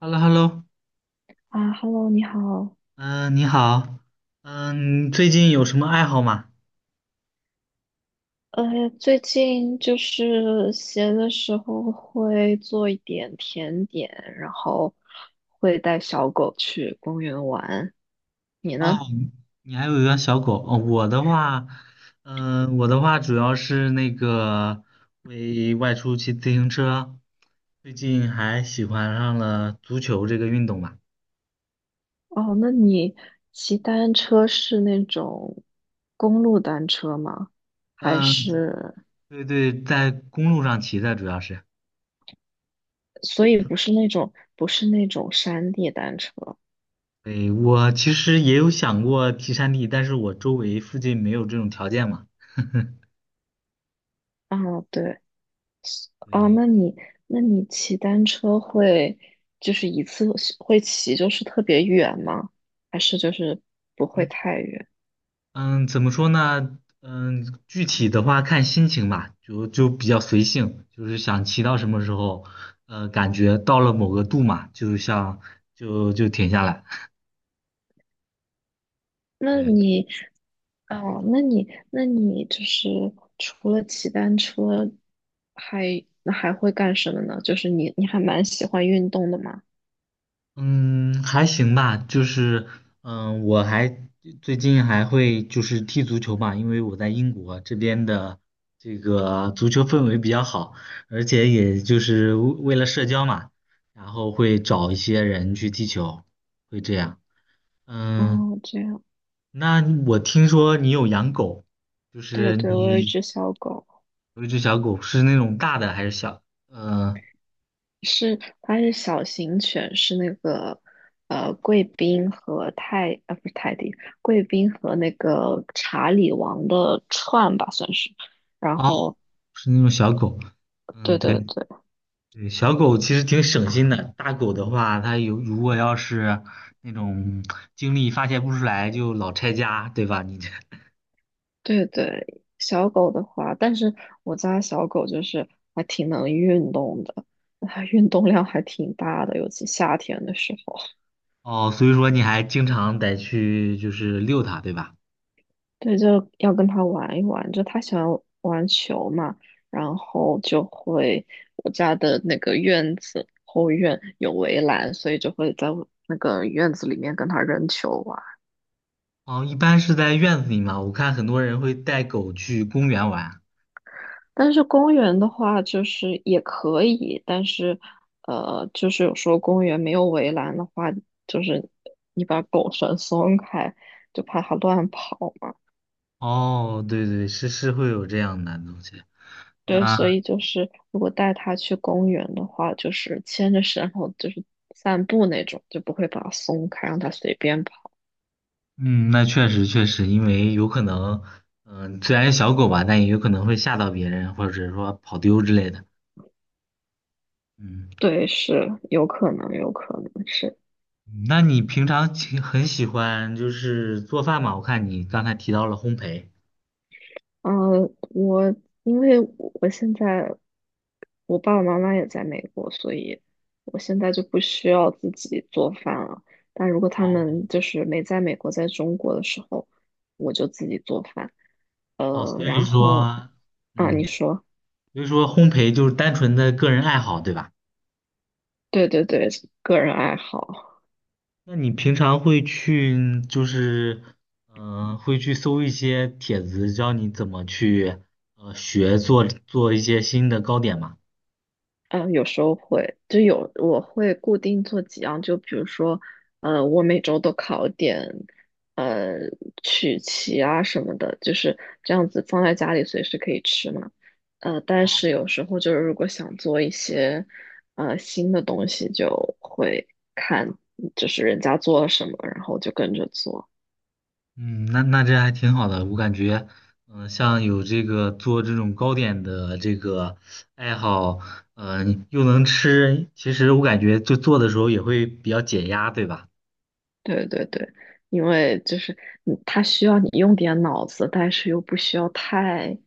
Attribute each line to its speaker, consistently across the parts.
Speaker 1: h e l l o h e l l o
Speaker 2: 啊，Hello，你好。
Speaker 1: 嗯，你好，嗯，你最近有什么爱好吗？
Speaker 2: 最近就是闲的时候会做一点甜点，然后会带小狗去公园玩。你呢？
Speaker 1: 哦，你还有一个小狗，哦，我的话主要是那个会外出骑自行车，最近还喜欢上了足球这个运动吧。
Speaker 2: 哦，那你骑单车是那种公路单车吗？还
Speaker 1: 嗯，
Speaker 2: 是，
Speaker 1: 对对，在公路上骑的主要是。
Speaker 2: 所以不是那种山地单车？
Speaker 1: 对，我其实也有想过骑山地，但是我周围附近没有这种条件嘛。
Speaker 2: 啊，对。哦，
Speaker 1: 对。
Speaker 2: 那你骑单车会就是一次会骑就是特别远吗？还是就是不会
Speaker 1: 嗯。
Speaker 2: 太远？
Speaker 1: 嗯，怎么说呢？嗯，具体的话看心情吧，就比较随性，就是想骑到什么时候，感觉到了某个度嘛，就像就停下来。
Speaker 2: 那
Speaker 1: 对，
Speaker 2: 你哦，那你就是除了骑单车还，那还会干什么呢？就是你还蛮喜欢运动的嘛？
Speaker 1: 嗯，还行吧，就是嗯，我还最近还会就是踢足球嘛，因为我在英国这边的这个足球氛围比较好，而且也就是为了社交嘛，然后会找一些人去踢球，会这样。嗯，
Speaker 2: 哦，这样，
Speaker 1: 那我听说你有养狗，就
Speaker 2: 对
Speaker 1: 是
Speaker 2: 对，我有一
Speaker 1: 你
Speaker 2: 只小狗。
Speaker 1: 有一只小狗，是那种大的还是小？呃，
Speaker 2: 是，它是小型犬，是那个贵宾和泰啊不是泰迪，贵宾和那个查理王的串吧算是。然
Speaker 1: 哦，
Speaker 2: 后，
Speaker 1: 是那种小狗。嗯，
Speaker 2: 对对
Speaker 1: 对
Speaker 2: 对
Speaker 1: 对，小狗其实挺省心的。大狗的话，它有如果要是那种精力发泄不出来，就老拆家，对吧？你这。
Speaker 2: 对对，小狗的话，但是我家小狗就是还挺能运动的，它运动量还挺大的，尤其夏天的时候。
Speaker 1: 哦，所以说你还经常得去就是遛它，对吧？
Speaker 2: 对，就要跟他玩一玩，就他喜欢玩球嘛，然后我家的那个院子后院有围栏，所以就会在我那个院子里面跟他扔球玩。
Speaker 1: 哦，一般是在院子里嘛，我看很多人会带狗去公园玩。
Speaker 2: 但是公园的话，就是也可以，但是就是有时候公园没有围栏的话，就是你把狗绳松开，就怕它乱跑嘛。
Speaker 1: 哦，对对，是会有这样的东西。
Speaker 2: 对，所
Speaker 1: 那
Speaker 2: 以就是如果带他去公园的话，就是牵着绳，然后就是散步那种，就不会把它松开，让它随便跑。
Speaker 1: 嗯，那确实确实，因为有可能，虽然是小狗吧，但也有可能会吓到别人，或者说跑丢之类的。嗯，
Speaker 2: 对，是有可能，有可能是。
Speaker 1: 那你平常其很喜欢就是做饭嘛？我看你刚才提到了烘焙。
Speaker 2: 呃，我因为我现在我爸爸妈妈也在美国，所以我现在就不需要自己做饭了。但如果他
Speaker 1: 哦
Speaker 2: 们就是没在美国，在中国的时候，我就自己做饭。
Speaker 1: 哦，
Speaker 2: 然后啊，你
Speaker 1: 嗯，
Speaker 2: 说。
Speaker 1: 所以说烘焙就是单纯的个人爱好，对吧？
Speaker 2: 对对对，个人爱好，
Speaker 1: 那你平常会去就是，嗯、会去搜一些帖子，教你怎么去学做一些新的糕点吗？
Speaker 2: 嗯，有时候会，我会固定做几样，就比如说，我每周都烤点，呃，曲奇啊什么的，就是这样子放在家里随时可以吃嘛。但是有时候就是如果想做一些，新的东西，就会看就是人家做了什么，然后就跟着做。
Speaker 1: 嗯，那这还挺好的，我感觉，像有这个做这种糕点的这个爱好，又能吃，其实我感觉就做的时候也会比较解压，对吧？
Speaker 2: 对对对，因为就是你，它需要你用点脑子，但是又不需要太，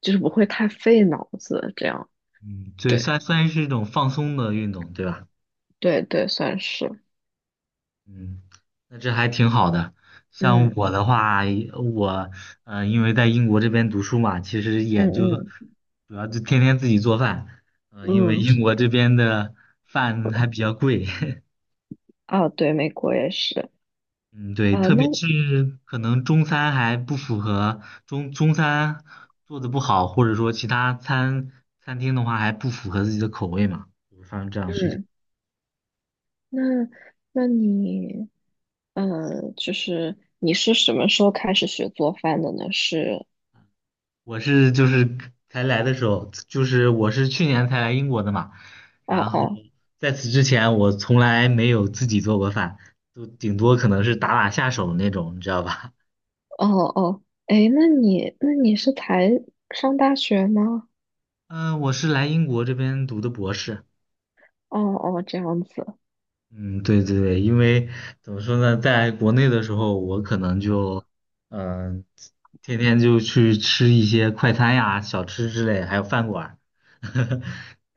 Speaker 2: 就是不会太费脑子，这样。
Speaker 1: 嗯，对，
Speaker 2: 对
Speaker 1: 算是一种放松的运动，对吧？
Speaker 2: 对对，算是，
Speaker 1: 嗯，那这还挺好的。像
Speaker 2: 嗯
Speaker 1: 我的话，我因为在英国这边读书嘛，其实
Speaker 2: 嗯
Speaker 1: 也就
Speaker 2: 嗯
Speaker 1: 主要就天天自己做饭，因为
Speaker 2: 嗯，
Speaker 1: 英国这边的饭还比较贵。
Speaker 2: 啊，对，美国也是
Speaker 1: 嗯，对，
Speaker 2: 啊。
Speaker 1: 特
Speaker 2: 那
Speaker 1: 别是可能中餐还不符合中餐做的不好，或者说其他餐厅的话还不符合自己的口味嘛，就会发生这样的事情。
Speaker 2: 嗯，那那你，就是你是什么时候开始学做饭的呢？是，
Speaker 1: 我是就是才来的时候，就是我是去年才来英国的嘛，
Speaker 2: 哦
Speaker 1: 然后
Speaker 2: 哦
Speaker 1: 在此之前我从来没有自己做过饭，都顶多可能是打打下手那种，你知道吧？
Speaker 2: 哦哦，哎，那你是才上大学吗？
Speaker 1: 嗯，我是来英国这边读的博士。
Speaker 2: 哦哦，这样子。
Speaker 1: 嗯，对对对，因为怎么说呢，在国内的时候，我可能就，嗯、天天就去吃一些快餐呀、小吃之类，还有饭馆儿，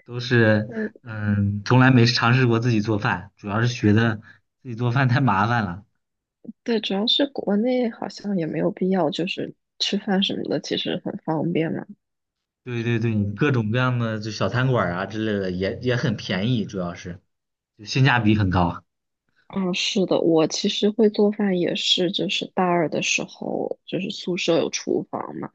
Speaker 1: 都是，
Speaker 2: 那。
Speaker 1: 从来没尝试过自己做饭，主要是觉得自己做饭太麻烦了。
Speaker 2: 对，主要是国内好像也没有必要，就是吃饭什么的，其实很方便嘛。
Speaker 1: 对对对，各种各样的就小餐馆儿啊之类的，也很便宜，主要是就性价比很高。
Speaker 2: 嗯，是的，我其实会做饭也是，就是大二的时候，就是宿舍有厨房嘛，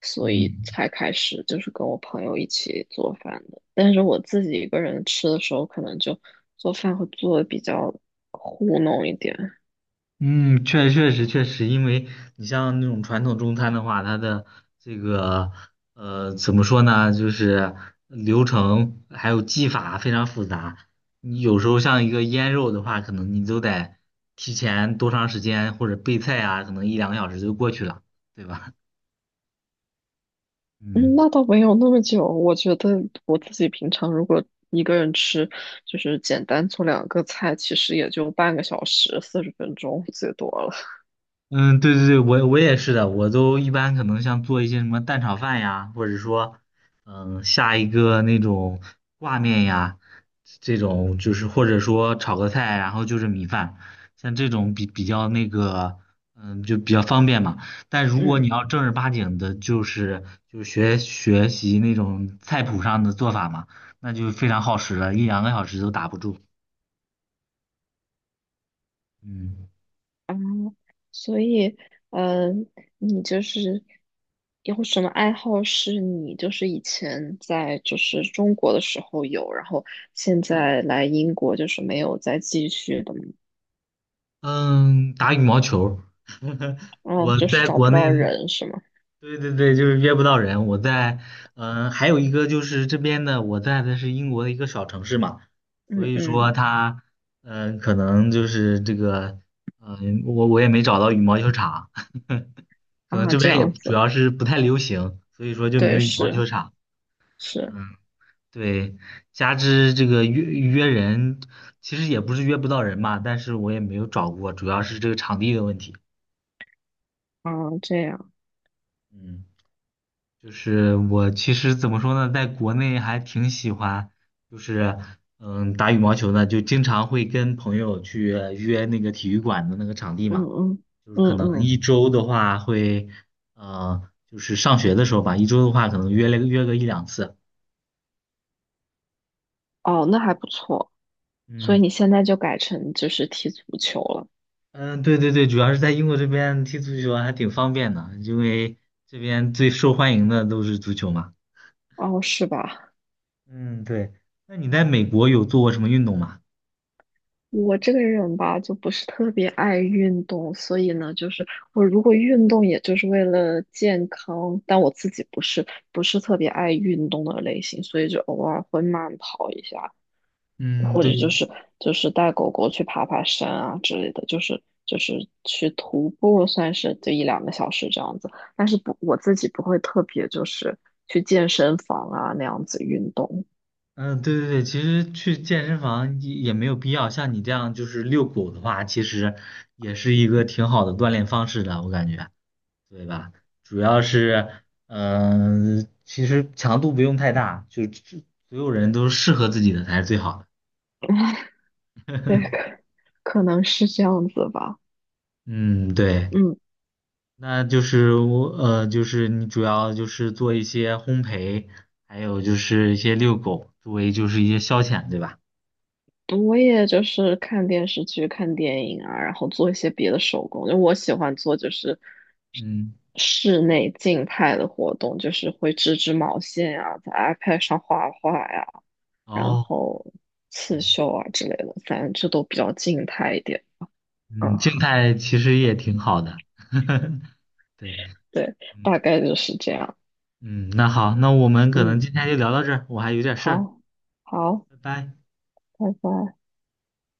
Speaker 2: 所以
Speaker 1: 嗯。
Speaker 2: 才开始就是跟我朋友一起做饭的。但是我自己一个人吃的时候，可能就做饭会做的比较糊弄一点。
Speaker 1: 嗯，确实，因为你像那种传统中餐的话，它的这个怎么说呢，就是流程还有技法非常复杂。你有时候像一个腌肉的话，可能你都得提前多长时间，或者备菜啊，可能一两个小时就过去了，对吧？
Speaker 2: 嗯，
Speaker 1: 嗯。
Speaker 2: 那倒没有那么久。我觉得我自己平常如果一个人吃，就是简单做两个菜，其实也就半个小时，40分钟最多了。
Speaker 1: 嗯，对对对，我也是的，我都一般可能像做一些什么蛋炒饭呀，或者说，下一个那种挂面呀，这种就是或者说炒个菜，然后就是米饭，像这种比较那个，就比较方便嘛。但如果
Speaker 2: 嗯
Speaker 1: 你要正儿八经的，就是就学习那种菜谱上的做法嘛，那就非常耗时了，一两个小时都打不住。嗯
Speaker 2: 啊，所以嗯，你就是有什么爱好是你就是以前在就是中国的时候有，然后现在来英国就是没有再继续的吗？
Speaker 1: 嗯，打羽毛球儿。
Speaker 2: 哦，
Speaker 1: 我
Speaker 2: 就是
Speaker 1: 在
Speaker 2: 找
Speaker 1: 国
Speaker 2: 不
Speaker 1: 内，
Speaker 2: 到人是吗？
Speaker 1: 对对对，就是约不到人。我在，还有一个就是这边的，我在的是英国的一个小城市嘛，所
Speaker 2: 嗯
Speaker 1: 以说
Speaker 2: 嗯
Speaker 1: 他，可能就是这个，我也没找到羽毛球场，可能
Speaker 2: 啊，
Speaker 1: 这
Speaker 2: 这
Speaker 1: 边也
Speaker 2: 样子，
Speaker 1: 主要是不太流行，所以说就没有
Speaker 2: 对，
Speaker 1: 羽毛
Speaker 2: 是
Speaker 1: 球场。
Speaker 2: 是。
Speaker 1: 嗯，对，加之这个约约人，其实也不是约不到人嘛，但是我也没有找过，主要是这个场地的问题。
Speaker 2: 啊，这样，
Speaker 1: 嗯。就是我其实怎么说呢，在国内还挺喜欢，就是打羽毛球的，就经常会跟朋友去约那个体育馆的那个场地
Speaker 2: 嗯
Speaker 1: 嘛，
Speaker 2: 嗯
Speaker 1: 就是可
Speaker 2: 嗯
Speaker 1: 能
Speaker 2: 嗯，
Speaker 1: 一周的话会，呃，就是上学的时候吧，一周的话可能约了约个一两次。
Speaker 2: 哦，那还不错。所以
Speaker 1: 嗯
Speaker 2: 你现在就改成就是踢足球了，
Speaker 1: 嗯，对对对，主要是在英国这边踢足球还挺方便的，因为这边最受欢迎的都是足球嘛。
Speaker 2: 哦，是吧？
Speaker 1: 嗯，对。那你在美国有做过什么运动吗？
Speaker 2: 我这个人吧，就不是特别爱运动，所以呢，就是我如果运动，也就是为了健康，但我自己不是特别爱运动的类型，所以就偶尔会慢跑一下，
Speaker 1: 嗯，
Speaker 2: 或
Speaker 1: 对。
Speaker 2: 者就是带狗狗去爬爬山啊之类的，就是去徒步，算是就一两个小时这样子。但是不，我自己不会特别就是去健身房啊那样子运动。
Speaker 1: 嗯，对对对，其实去健身房也没有必要，像你这样就是遛狗的话，其实也是一个挺好的锻炼方式的，我感觉，对吧？主要是，其实强度不用太大，就所有人都适合自己的才是最好的。
Speaker 2: 对，可能是这样子吧。
Speaker 1: 嗯，对，
Speaker 2: 嗯，
Speaker 1: 那就是你主要就是做一些烘焙，还有就是一些遛狗，作为就是一些消遣，对吧？
Speaker 2: 我也就是看电视剧、看电影啊，然后做一些别的手工。因为我喜欢做就是
Speaker 1: 嗯，
Speaker 2: 室内静态的活动，就是会织织毛线啊，在 iPad 上画画呀、然
Speaker 1: 哦。
Speaker 2: 后刺
Speaker 1: 对
Speaker 2: 绣啊之类的，反正这都比较静态一点。啊。
Speaker 1: 嗯，静态其实也挺好的。对，
Speaker 2: 对，
Speaker 1: 嗯
Speaker 2: 大概就是这样。
Speaker 1: 嗯，那好，那我们可能
Speaker 2: 嗯，
Speaker 1: 今天就聊到这儿，我还有点事儿，
Speaker 2: 好，好，
Speaker 1: 拜拜。
Speaker 2: 拜拜。